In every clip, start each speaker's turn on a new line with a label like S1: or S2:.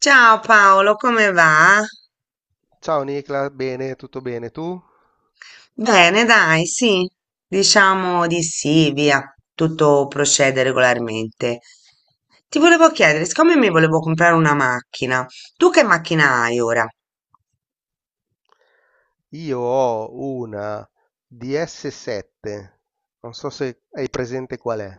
S1: Ciao Paolo, come va?
S2: Ciao Nicla, bene, tutto bene tu?
S1: Bene, dai, sì, diciamo di sì, via, tutto procede regolarmente. Ti volevo chiedere, siccome mi volevo comprare una macchina, tu che macchina hai ora?
S2: Io ho una DS7, non so se hai presente qual è.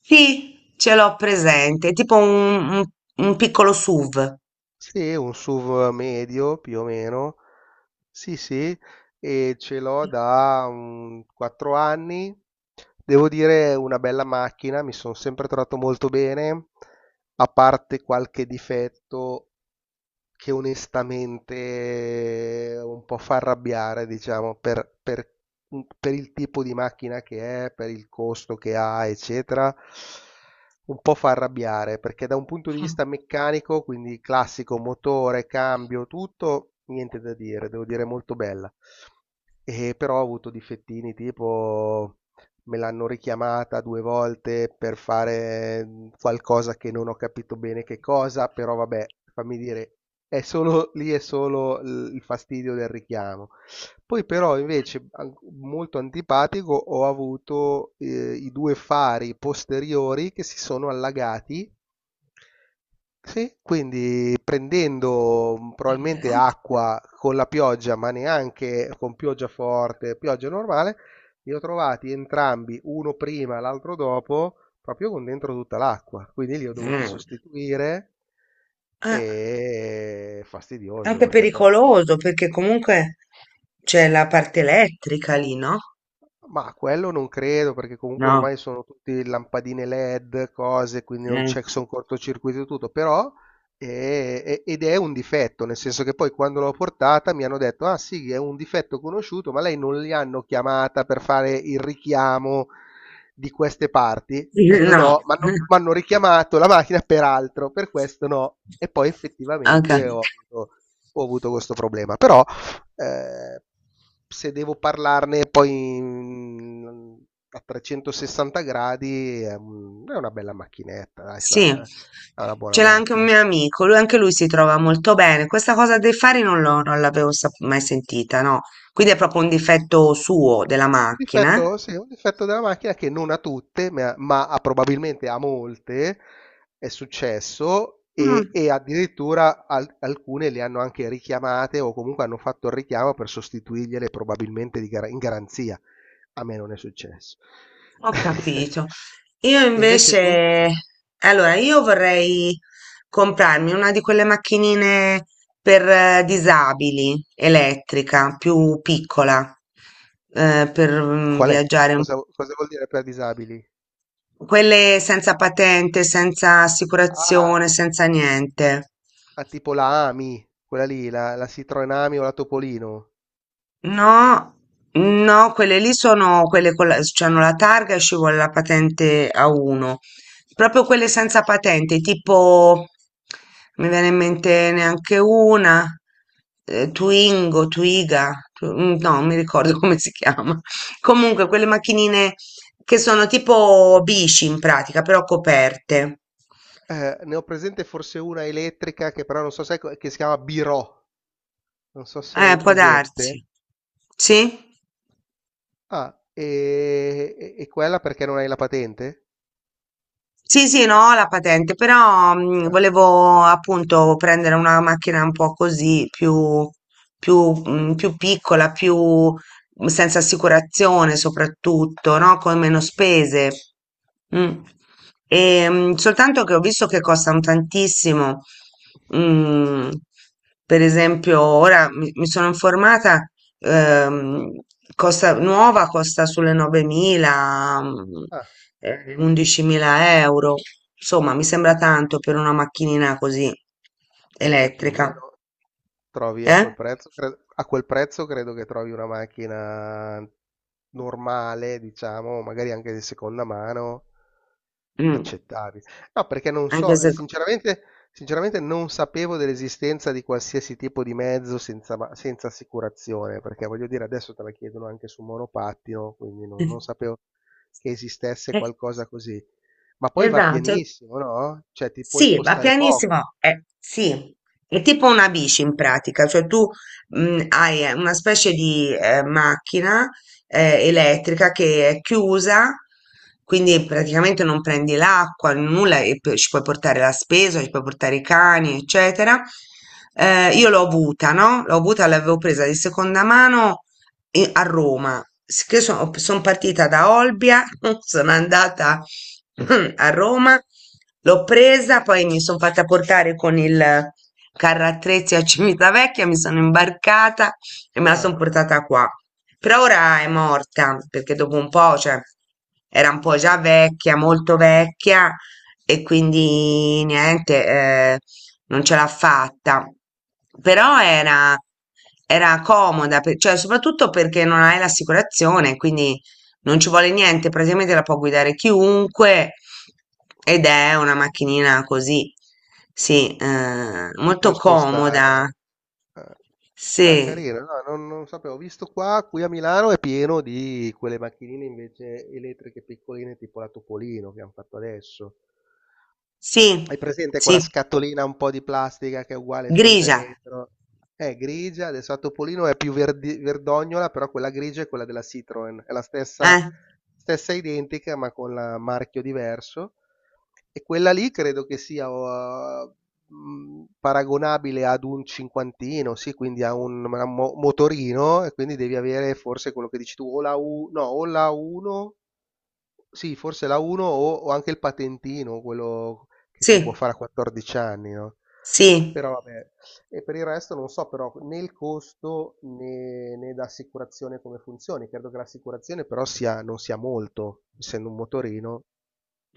S1: Sì, ce l'ho presente, tipo un piccolo SUV.
S2: Sì, un SUV medio più o meno. Sì, sì, e ce l'ho da 4 anni. Devo dire, è una bella macchina, mi sono sempre trovato molto bene, a parte qualche difetto che onestamente un po' fa arrabbiare, diciamo, per il tipo di macchina che è, per il costo che ha, eccetera. Un po' fa arrabbiare perché da un punto di vista meccanico, quindi classico motore, cambio, tutto, niente da dire, devo dire molto bella. E però ho avuto difettini tipo me l'hanno richiamata due volte per fare qualcosa che non ho capito bene che cosa, però vabbè, fammi dire, è solo il fastidio del richiamo. Poi però invece molto antipatico ho avuto i due fari posteriori che si sono allagati. Sì, quindi prendendo probabilmente acqua con la pioggia, ma neanche con pioggia forte, pioggia normale, li ho trovati entrambi, uno prima, l'altro dopo, proprio con dentro tutta l'acqua. Quindi li ho dovuti
S1: Mm.
S2: sostituire
S1: Eh,
S2: e fastidioso
S1: anche
S2: perché poi.
S1: pericoloso perché comunque c'è la parte elettrica lì, no?
S2: Ma quello non credo, perché comunque
S1: No.
S2: ormai sono tutti lampadine LED, cose, quindi non
S1: eh,
S2: c'è sono cortocircuito e tutto, però ed è un difetto, nel senso che poi quando l'ho portata mi hanno detto, ah sì, è un difetto conosciuto, ma lei non li hanno chiamata per fare il richiamo di queste parti? Ho detto
S1: No.
S2: no, ma hanno richiamato la macchina per altro, per questo no. E poi
S1: Anche
S2: effettivamente ho avuto questo problema, però... Eh, Se devo parlarne poi a 360 gradi è una bella macchinetta, dai,
S1: Sì. Sì,
S2: è una buona
S1: ce l'ha anche un
S2: macchina.
S1: mio amico, lui anche lui si trova molto bene. Questa cosa dei fari non l'avevo sap- mai sentita, no? Quindi è proprio un difetto suo della macchina, eh?
S2: Difetto, sì, un difetto della macchina che non a tutte, ma probabilmente a molte è successo
S1: Mm,
S2: e addirittura alcune le hanno anche richiamate o comunque hanno fatto il richiamo per sostituirgliele probabilmente in garanzia. A me non è successo.
S1: ho capito. Io
S2: E invece tu?
S1: invece, allora, io vorrei comprarmi una di quelle macchinine per disabili, elettrica, più piccola, per
S2: Qual è?
S1: viaggiare.
S2: Cosa vuol dire per disabili?
S1: Quelle senza patente, senza
S2: Ah,
S1: assicurazione, senza niente.
S2: tipo la AMI, quella lì, la Citroen AMI o la Topolino.
S1: No, no, quelle lì sono quelle con la, c'hanno la targa e ci vuole la patente A1. Proprio quelle senza patente, tipo, mi viene in mente neanche una, Twingo, Twiga, no, non mi ricordo come si chiama. Comunque, quelle macchinine che sono tipo bici in pratica, però coperte.
S2: Ne ho presente forse una elettrica che però non so se che si chiama Biro, non so se l'hai
S1: Può darsi.
S2: presente.
S1: Sì?
S2: Ah, e quella perché non hai la patente?
S1: Sì, sì, no, ho la patente, però
S2: Ah,
S1: volevo appunto prendere una macchina un po' così, più, più, più piccola, più senza assicurazione soprattutto, no? Con meno spese. Mm. E, soltanto che ho visto che costano tantissimo. Mm, per esempio, ora mi sono informata. Ehm, costa, nuova costa sulle 9.000,
S2: ah,
S1: 11.000 euro. Insomma, mi sembra tanto per una macchinina così
S2: Più o
S1: elettrica,
S2: meno trovi a
S1: eh?
S2: quel prezzo, a quel prezzo credo che trovi una macchina normale, diciamo, magari anche di seconda mano.
S1: Mm,
S2: Accettabile. No, perché non
S1: Anche
S2: so,
S1: se.
S2: sinceramente non sapevo dell'esistenza di qualsiasi tipo di mezzo senza, senza assicurazione, perché voglio dire, adesso te la chiedono anche su monopattino, quindi non sapevo che esistesse
S1: Eh,
S2: qualcosa così. Ma poi va
S1: esatto.
S2: pienissimo, no? Cioè ti puoi
S1: Sì, va
S2: spostare poco.
S1: pianissimo, sì, è tipo una bici in pratica, cioè tu hai una specie di macchina elettrica che è chiusa, quindi praticamente non prendi l'acqua, nulla, e poi ci puoi portare la spesa, ci puoi portare i cani, eccetera. Io l'ho avuta, no? L'ho avuta, l'avevo presa di seconda mano a Roma. Che sono partita da Olbia, sono andata a Roma, l'ho presa, poi mi sono fatta portare con il carro attrezzi a Civitavecchia, mi sono imbarcata e me la
S2: Ah,
S1: sono portata qua. Però ora è morta perché dopo un po', cioè, era un po' già vecchia, molto vecchia e quindi niente. Non ce l'ha fatta. Però era comoda, cioè soprattutto perché non hai l'assicurazione, quindi non ci vuole niente, praticamente la può guidare chiunque ed è una macchinina così, sì,
S2: ti
S1: molto
S2: puoi
S1: comoda.
S2: spostare. eh,
S1: Sì,
S2: Ah, carino, no, non sapevo. Ho visto qua, qui a Milano è pieno di quelle macchinine invece elettriche piccoline tipo la Topolino che hanno fatto adesso.
S1: sì,
S2: Hai presente quella
S1: sì,
S2: scatolina un po' di plastica che è uguale fronte e
S1: grigia,
S2: retro? È grigia, adesso a Topolino è più verdognola, però quella grigia è quella della Citroen, è la stessa,
S1: eh,
S2: stessa identica ma con la marchio diverso. E quella lì credo che sia paragonabile ad un cinquantino, sì, quindi a un, motorino, e quindi devi avere forse quello che dici tu, o la, U, no, o la 1 sì, forse la 1 o anche il patentino, quello che
S1: sì,
S2: si può fare a 14 anni, no?
S1: sì.
S2: Però vabbè, e per il resto non so però né il costo né l'assicurazione come funzioni. Credo che l'assicurazione però sia, non sia molto, essendo un motorino.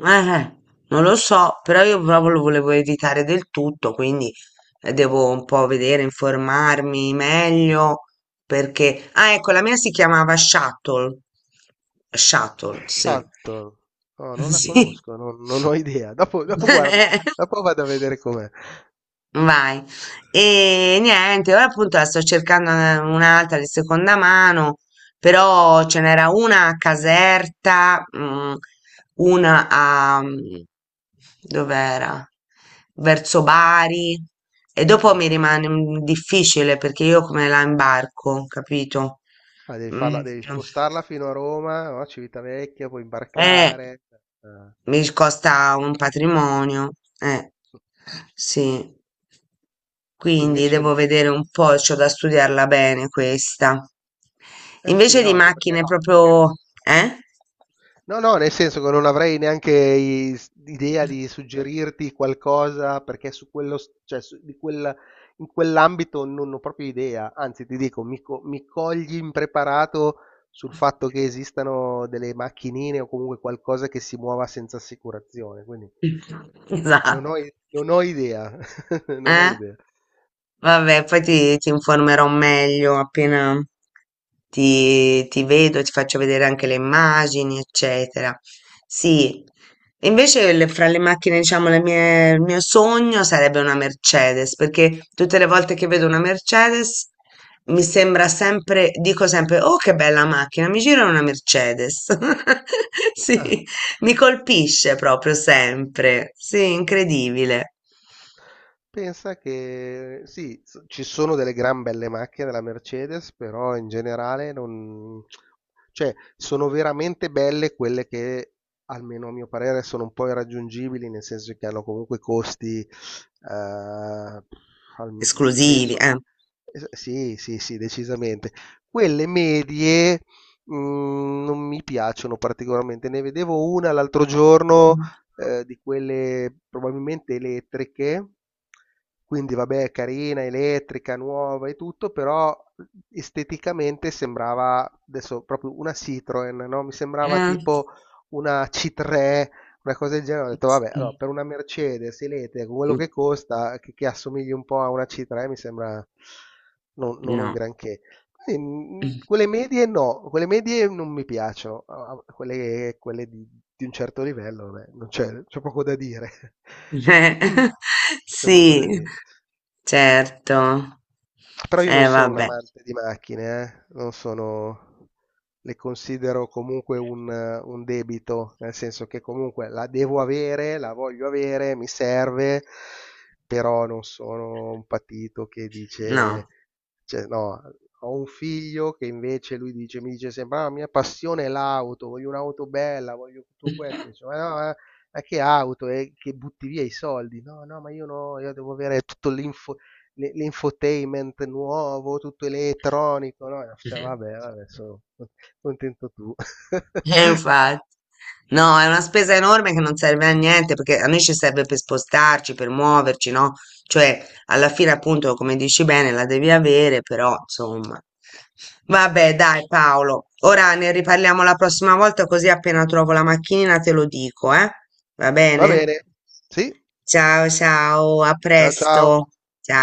S1: Eh, eh, non lo so, però io proprio lo volevo evitare del tutto, quindi devo un po' vedere, informarmi meglio, perché. Ah, ecco, la mia si chiamava Shuttle. Shuttle, sì.
S2: Shuttle, no, non la
S1: Sì.
S2: conosco, non ho idea. Dopo, dopo guardo,
S1: Eh,
S2: dopo vado a vedere com'è.
S1: Vai. E niente, ora appunto la sto cercando un'altra di seconda mano, però ce n'era una a Caserta, una a. Dov'era? Verso Bari. E dopo
S2: Mm.
S1: mi rimane difficile perché io come la imbarco, capito?
S2: Ah, devi
S1: Mm,
S2: farla, devi
S1: mm.
S2: spostarla fino a Roma, no? Civitavecchia, poi
S1: Eh,
S2: imbarcare. Eh.
S1: mi costa un patrimonio, eh, sì.
S2: E
S1: Quindi
S2: Invece
S1: devo vedere un po', c'ho da studiarla bene questa.
S2: Eh sì,
S1: Invece di
S2: no, anche
S1: macchine
S2: perché...
S1: proprio, eh?
S2: No, no, nel senso che non avrei neanche idea di suggerirti qualcosa perché su quello, cioè in quell'ambito non ho proprio idea. Anzi, ti dico, mi cogli impreparato sul fatto che esistano delle macchinine o comunque qualcosa che si muova senza assicurazione. Quindi
S1: Esatto.
S2: non ho idea. Non ho
S1: Eh?
S2: idea.
S1: Vabbè, poi ti informerò meglio appena ti vedo, ti faccio vedere anche le immagini, eccetera. Sì, invece fra le macchine, diciamo, il mio sogno sarebbe una Mercedes, perché tutte le volte che vedo una Mercedes mi sembra sempre, dico sempre, oh che bella macchina, mi gira una Mercedes.
S2: Ah.
S1: Sì, mi colpisce proprio sempre. Sì, incredibile.
S2: Pensa che sì, ci sono delle gran belle macchine della Mercedes, però in generale non... cioè, sono veramente belle quelle che, almeno a mio parere, sono un po' irraggiungibili, nel senso che hanno comunque costi, al-
S1: Esclusivi,
S2: penso...
S1: eh.
S2: Sì, sì, sì, decisamente. Quelle medie, non mi piacciono particolarmente. Ne vedevo una l'altro giorno
S1: Mm.
S2: di quelle probabilmente elettriche, quindi vabbè, carina, elettrica, nuova e tutto, però esteticamente sembrava adesso proprio una Citroen, no? Mi sembrava
S1: Eh,
S2: tipo una C3, una cosa del genere. Ho detto,
S1: s
S2: vabbè, allora, per una Mercedes elettrica, con quello che costa, che assomigli un po' a una C3, mi sembra non un
S1: no.
S2: granché. Sì, quelle medie no, quelle medie non mi piacciono, ah, quelle di un certo livello, vabbè, non c'è, c'è poco da dire.
S1: Eh,
S2: C'è poco da
S1: sì,
S2: dire.
S1: certo.
S2: Però io non sono un
S1: Vabbè,
S2: amante di macchine, eh. Non sono, le considero comunque un debito, nel senso che comunque la devo avere, la voglio avere, mi serve, però non sono un patito che
S1: no.
S2: dice, cioè, no, ho un figlio che invece lui dice, mi dice sempre, ah, la mia passione è l'auto, voglio un'auto bella, voglio tutto questo, dice, ma no, ma che auto, e che butti via i soldi? No, no, ma io no, io devo avere tutto l'infotainment nuovo, tutto elettronico, no? Cioè, vabbè, vabbè, sono contento tu.
S1: Infatti. No, è una spesa enorme che non serve a niente perché a noi ci serve per spostarci, per muoverci, no? Cioè, alla fine, appunto, come dici bene, la devi avere, però, insomma. Vabbè, dai, Paolo. Ora ne riparliamo la prossima volta, così appena trovo la macchina te lo dico, eh? Va
S2: Va
S1: bene?
S2: bene, sì,
S1: Ciao, ciao, a
S2: ciao ciao.
S1: presto. Ciao.